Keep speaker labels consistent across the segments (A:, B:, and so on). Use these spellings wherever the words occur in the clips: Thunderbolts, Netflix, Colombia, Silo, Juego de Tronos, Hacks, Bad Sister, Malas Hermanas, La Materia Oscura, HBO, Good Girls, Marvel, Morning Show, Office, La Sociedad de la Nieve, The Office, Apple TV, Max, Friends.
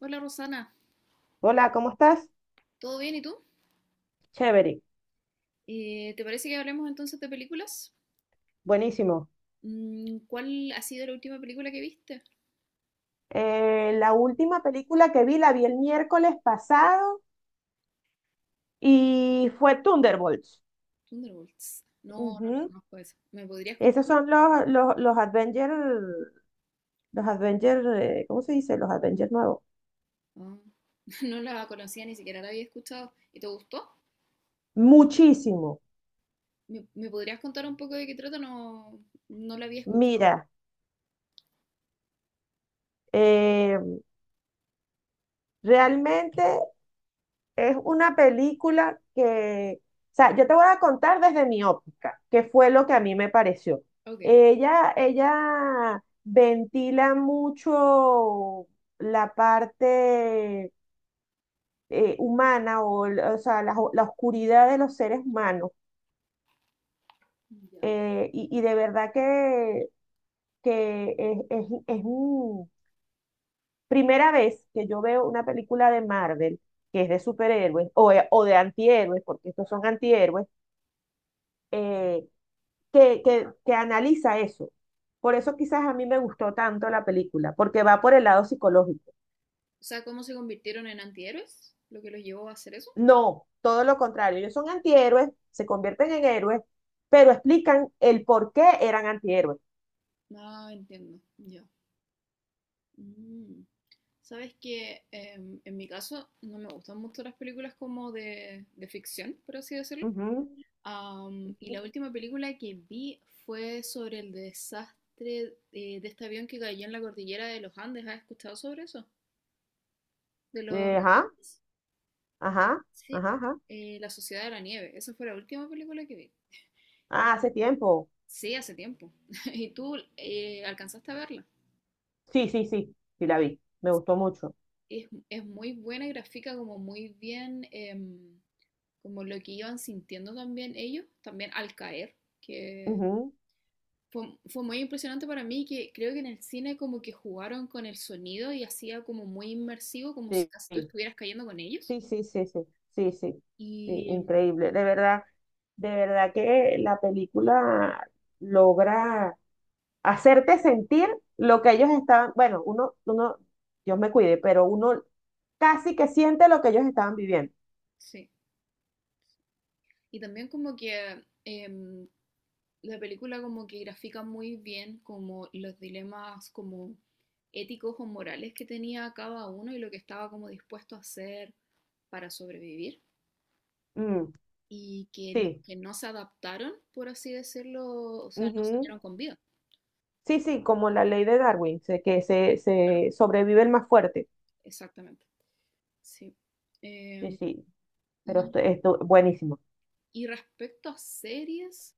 A: Hola Rosana,
B: Hola, ¿cómo estás?
A: ¿todo bien y tú?
B: Chévere,
A: ¿Te parece que hablemos entonces de películas?
B: buenísimo.
A: ¿Cuál ha sido la última película que viste?
B: La última película que vi la vi el miércoles pasado y fue Thunderbolts.
A: Thunderbolts. No, no la
B: Ujú.
A: conozco esa. ¿Me podrías contar
B: Esos
A: un
B: son
A: poco?
B: los Avengers, los Avengers, ¿cómo se dice? Los Avengers nuevos.
A: Ah, no la conocía, ni siquiera la había escuchado. ¿Y te gustó?
B: Muchísimo.
A: ¿Me podrías contar un poco de qué trata? No, no la había escuchado.
B: Mira, eh, realmente es una película que, o sea, yo te voy a contar desde mi óptica, que fue lo que a mí me pareció.
A: Ok.
B: Ella ventila mucho la parte humana o, o sea, la oscuridad de los seres humanos.
A: Ya.
B: Y de verdad que, que es, es, es un- primera vez que yo veo una película de Marvel que es de superhéroes o de antihéroes, porque estos son antihéroes, eh, que analiza eso. Por eso quizás a mí me gustó tanto la película, porque va por el lado psicológico.
A: O sea, ¿cómo se convirtieron en antihéroes? ¿Lo que los llevó a hacer eso?
B: No, todo lo contrario, ellos son antihéroes, se convierten en héroes, pero explican el por qué eran antihéroes.
A: Ah, entiendo. Ya. Mm. Sabes que en mi caso no me gustan mucho las películas como de ficción, por así decirlo.
B: Ujú,
A: Y
B: ujú.
A: la última película que vi fue sobre el desastre de este avión que cayó en la cordillera de los Andes. ¿Has escuchado sobre eso? De los
B: Ajá,
A: reptiles.
B: ajá,
A: Sí.
B: ajá, ajá.
A: La Sociedad de la Nieve. Esa fue la última película que vi. Y
B: Ah, hace tiempo.
A: sí, hace tiempo. ¿Y tú alcanzaste a verla?
B: Sí, sí, sí, sí la vi, me gustó mucho.
A: Es muy buena y grafica como muy bien. Como lo que iban sintiendo también ellos, también al caer, que
B: Ujú,
A: fue, fue, muy impresionante para mí, que creo que en el cine como que jugaron con el sonido y hacía como muy inmersivo, como si
B: sí,
A: casi tú
B: sí.
A: estuvieras cayendo con ellos.
B: Sí, sí, sí, sí, sí, sí, sí,
A: Y
B: increíble. De verdad que la película logra hacerte sentir lo que ellos estaban, bueno, uno, Dios me cuide, pero uno casi que siente lo que ellos estaban viviendo.
A: sí, y también como que la película como que grafica muy bien como los dilemas como éticos o morales que tenía cada uno y lo que estaba como dispuesto a hacer para sobrevivir.
B: Mm,
A: Y que los
B: sí,
A: que no se adaptaron, por así decirlo, o sea, no
B: ujú.
A: salieron con vida.
B: Sí, sí, como la ley de Darwin,
A: Claro.
B: se sobrevive el más fuerte.
A: Exactamente, sí.
B: Sí,
A: Em,
B: sí, pero
A: y,
B: esto buenísimo.
A: respecto a series,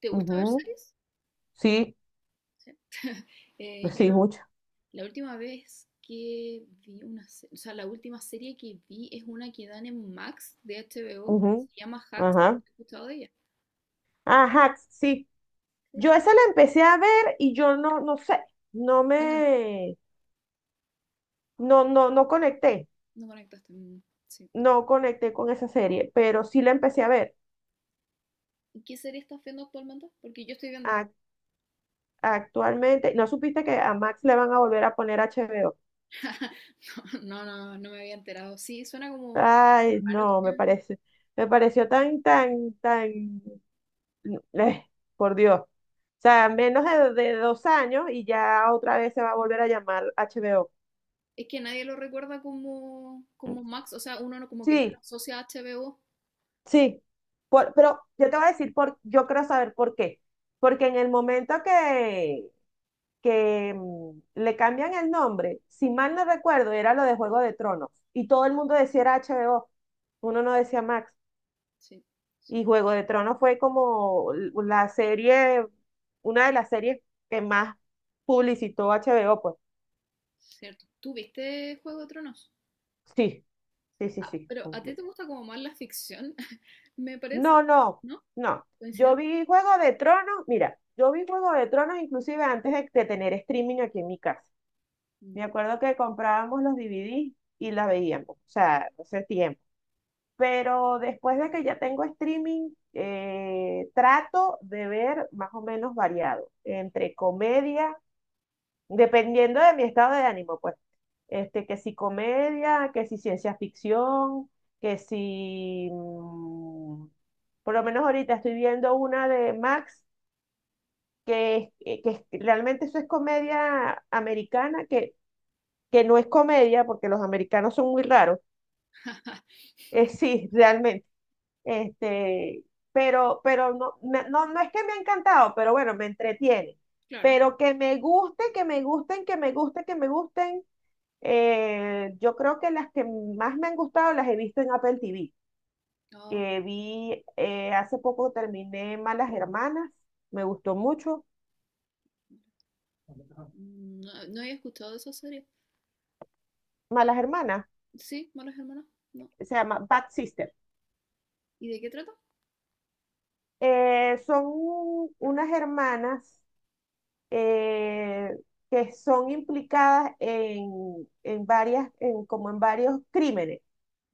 A: ¿te gusta ver
B: Ujú,
A: series?
B: sí,
A: Yo
B: sí,
A: no-
B: mucho.
A: la última vez que vi una serie, o sea, la última serie que vi es una que dan en Max de HBO, que
B: Ujú,
A: se llama Hacks.
B: ajá.
A: ¿Has escuchado de ella?
B: Ajá, sí.
A: Sí,
B: Yo esa la empecé a ver y yo no, no sé, no
A: no, la-
B: me, no conecté,
A: no conectaste. Mm, sí.
B: no conecté con esa serie, pero sí la empecé a ver.
A: ¿Y qué serie estás viendo actualmente? Porque yo estoy viendo
B: Ac- Actualmente, ¿no supiste que a Max le van a volver a poner HBO?
A: no, no, no me había enterado. Sí, suena como algo
B: Ay,
A: raro.
B: no, me parece, me pareció eh, por Dios. O sea, menos de 2 años y ya otra vez se va a volver a llamar HBO.
A: Es que nadie lo recuerda como, como Max, o sea, uno no, como que no lo
B: Sí,
A: asocia a HBO.
B: sí, pero yo te voy a decir por, yo quiero saber por qué. Porque en el momento que le cambian el nombre, si mal no recuerdo, era lo de Juego de Tronos. Y todo el mundo decía era HBO, uno no decía Max.
A: Sí,
B: Y
A: cierto,
B: Juego de Tronos fue como la serie, una de las series que más publicitó HBO, pues.
A: cierto. ¿Tú viste Juego de Tronos?
B: Sí,
A: Sí.
B: sí, sí,
A: Ah,
B: sí,
A: pero ¿a ti
B: completo.
A: te gusta como más la ficción? Me parece,
B: No, no,
A: ¿no?
B: no. Yo
A: ¿Coincidencia?
B: vi Juego de Tronos, mira, yo vi Juego de Tronos inclusive antes de tener streaming aquí en mi casa. Me
A: Ya,
B: acuerdo que comprábamos los DVDs y las veíamos, o sea, hace tiempo. Pero después de que ya tengo streaming, trato de ver más o menos variado, entre comedia dependiendo de mi estado de ánimo, pues. Este,
A: claro.
B: que si comedia, que si ciencia ficción, que si... mm, por lo menos ahorita estoy viendo una de Max, que, realmente eso es comedia americana, que no es comedia, porque los americanos son muy raros. Sí, realmente. Este, pero no, no es que me ha encantado, pero bueno, me entretiene.
A: Claro.
B: Pero que me guste, que me gusten, que me guste, que me gusten, yo creo que las que más me han gustado las he visto en Apple TV,
A: Oh,
B: que vi hace poco terminé Malas Hermanas, me gustó mucho.
A: no, no había escuchado de esa serie.
B: Malas Hermanas,
A: Sí, Malas Hermanas, no.
B: se llama Bad Sister.
A: ¿Y de qué trata?
B: Son unas hermanas, eh, que son implicadas como en varios crímenes,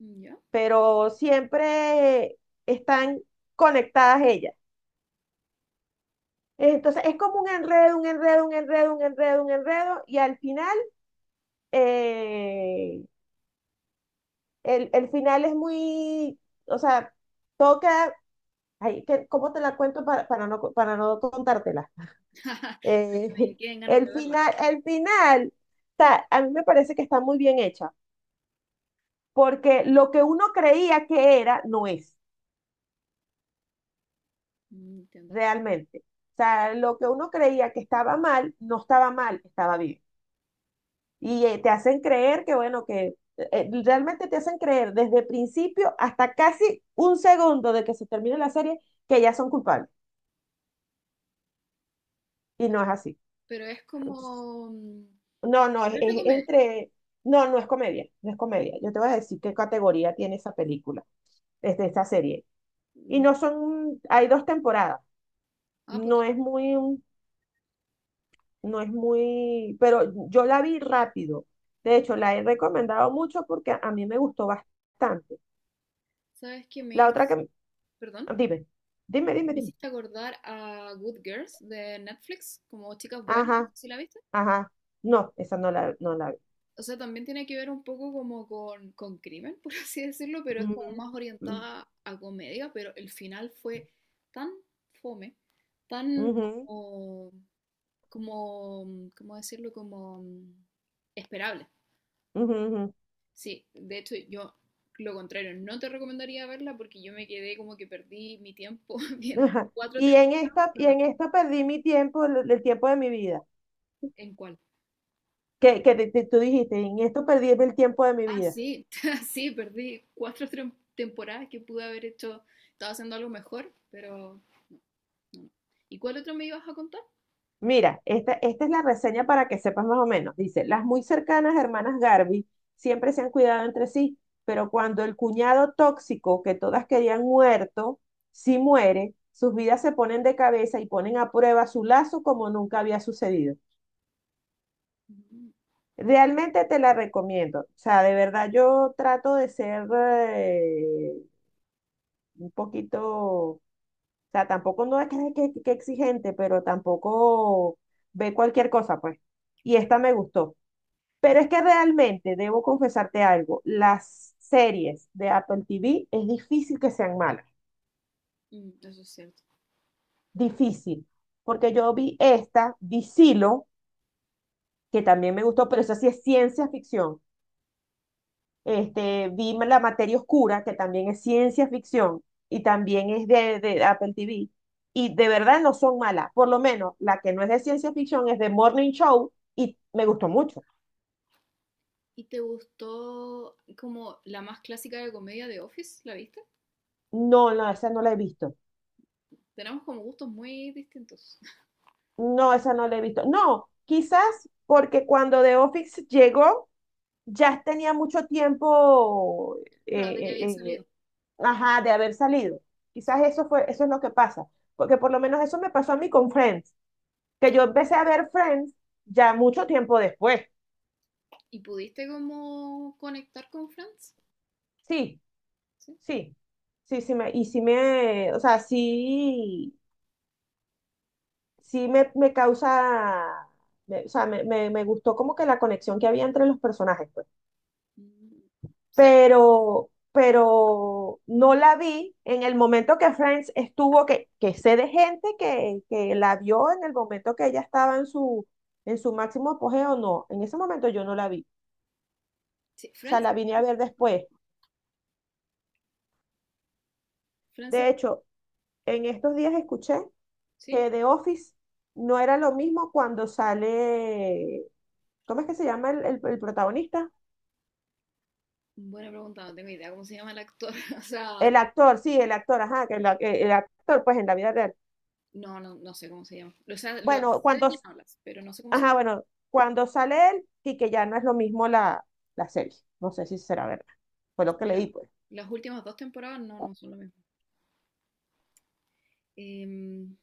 A: Ya.
B: pero siempre están conectadas ellas. Entonces es como un enredo, un enredo, un enredo, un enredo, un enredo, y al final, eh, el final es muy, o sea, toca, ay, ¿cómo te la cuento para no, para no contártela? Eh,
A: Porque me queden ganas de
B: el
A: verla.
B: final, a mí me parece que está muy bien hecha, porque lo que uno creía que era, no es
A: Mm, entiendo.
B: realmente. O sea, lo que uno creía que estaba mal, no estaba mal, estaba bien. Te hacen creer que, bueno, que realmente te hacen creer desde principio hasta casi un segundo de que se termine la serie que ya son culpables. Y no es así.
A: Pero es
B: Entonces,
A: como...
B: no, no,
A: no es de
B: es
A: comedia.
B: entre... No, no es comedia, no es comedia. Yo te voy a decir qué categoría tiene esa película, desde esa serie. Y
A: Mm,
B: no son, hay dos temporadas.
A: ah, porque,
B: No es muy, un- no es muy, pero yo la vi rápido. De hecho, la he recomendado mucho porque a mí me gustó bastante.
A: ¿sabes que me
B: La otra
A: hizo?
B: que...
A: Perdón,
B: Dime, dime, dime,
A: me
B: dime.
A: hiciste acordar a Good Girls de Netflix, como Chicas Buenas, no sé
B: Ajá,
A: si la viste.
B: ajá. No, esa no la, no la vi.
A: O sea, también tiene que ver un poco como con crimen, por así decirlo, pero es como
B: Ujú,
A: más
B: mm,
A: orientada a comedia, pero el final fue tan fome, tan
B: ujú,
A: como, como, ¿cómo decirlo? Como esperable.
B: ujú,
A: Sí, de hecho yo lo contrario, no te recomendaría verla porque yo me quedé como que perdí mi tiempo
B: ujú.
A: viendo
B: Ajá.
A: cuatro
B: Y
A: temporadas.
B: en esta,
A: No,
B: y
A: no,
B: en esto perdí mi tiempo, el tiempo de mi vida.
A: ¿en cuál?
B: Que tú dijiste, en esto perdí el tiempo de mi
A: Ah,
B: vida.
A: sí, sí, perdí cuatro temporadas que pude haber hecho, estaba haciendo algo mejor, pero no, no. ¿Y cuál otro me ibas a contar?
B: Mira, esta es la reseña para que sepas más o menos. Dice, las muy cercanas hermanas Garvey siempre se han cuidado entre sí, pero cuando el cuñado tóxico que todas querían muerto, sí muere, sus vidas se ponen de cabeza y ponen a prueba su lazo como nunca había sucedido.
A: Mm,
B: Realmente te la recomiendo. O sea, de verdad yo trato de ser un poquito, o sea, tampoco no es que, que exigente, pero tampoco ve cualquier cosa, pues. Y
A: claro.
B: esta me gustó. Pero es que realmente, debo confesarte algo, las series de Apple TV es difícil que sean malas,
A: Mm, eso es cierto.
B: difícil, porque yo vi esta, vi Silo, que también me gustó, pero esa sí es ciencia ficción. Este, vi La Materia Oscura, que también es ciencia ficción y también es de Apple TV, y de verdad no son malas, por lo menos la que no es de ciencia ficción es de Morning Show y me gustó mucho.
A: ¿Y te gustó como la más clásica de comedia de Office? ¿La viste?
B: No, no, esa no la he visto.
A: Tenemos como gustos muy distintos.
B: No, esa no la he visto. No, quizás porque cuando The Office llegó, ya tenía mucho tiempo, eh,
A: Claro, de que había
B: eh, eh,
A: salido.
B: ajá, de haber salido. Quizás eso fue, eso es lo que pasa. Porque por lo menos eso me pasó a mí con Friends, que yo empecé a ver Friends ya mucho tiempo después.
A: ¿Y pudiste como conectar con Friends?
B: Sí,
A: ¿Sí?
B: sí, sí, sí me, y sí me, o sea, sí, me causa, o sea, me gustó como que la conexión que había entre los personajes, pues.
A: Mm, o sea,
B: Pero no la vi en el momento que Friends estuvo, que sé de gente que la vio en el momento que ella estaba en su máximo apogeo, no, en ese momento yo no la vi,
A: sí,
B: o sea,
A: Friends,
B: la vine a ver después.
A: Friends
B: De
A: es-
B: hecho, en estos días escuché
A: ¿sí?
B: que The Office no era lo mismo cuando sale, ¿cómo es que se llama el protagonista?
A: Buena pregunta, no tengo idea cómo se llama el actor. O sea,
B: El actor, sí, el actor, ajá, que el actor, pues en la vida real.
A: no, no, no sé cómo se llama. O sea, lo
B: Bueno,
A: sé de
B: cuando...
A: quién hablas, pero no sé cómo se
B: Ajá,
A: llama.
B: bueno, cuando sale él y que ya no es lo mismo la serie. No sé si será verdad. Fue lo que
A: La-
B: leí, pues.
A: las últimas dos temporadas no, no son lo mismo. Em,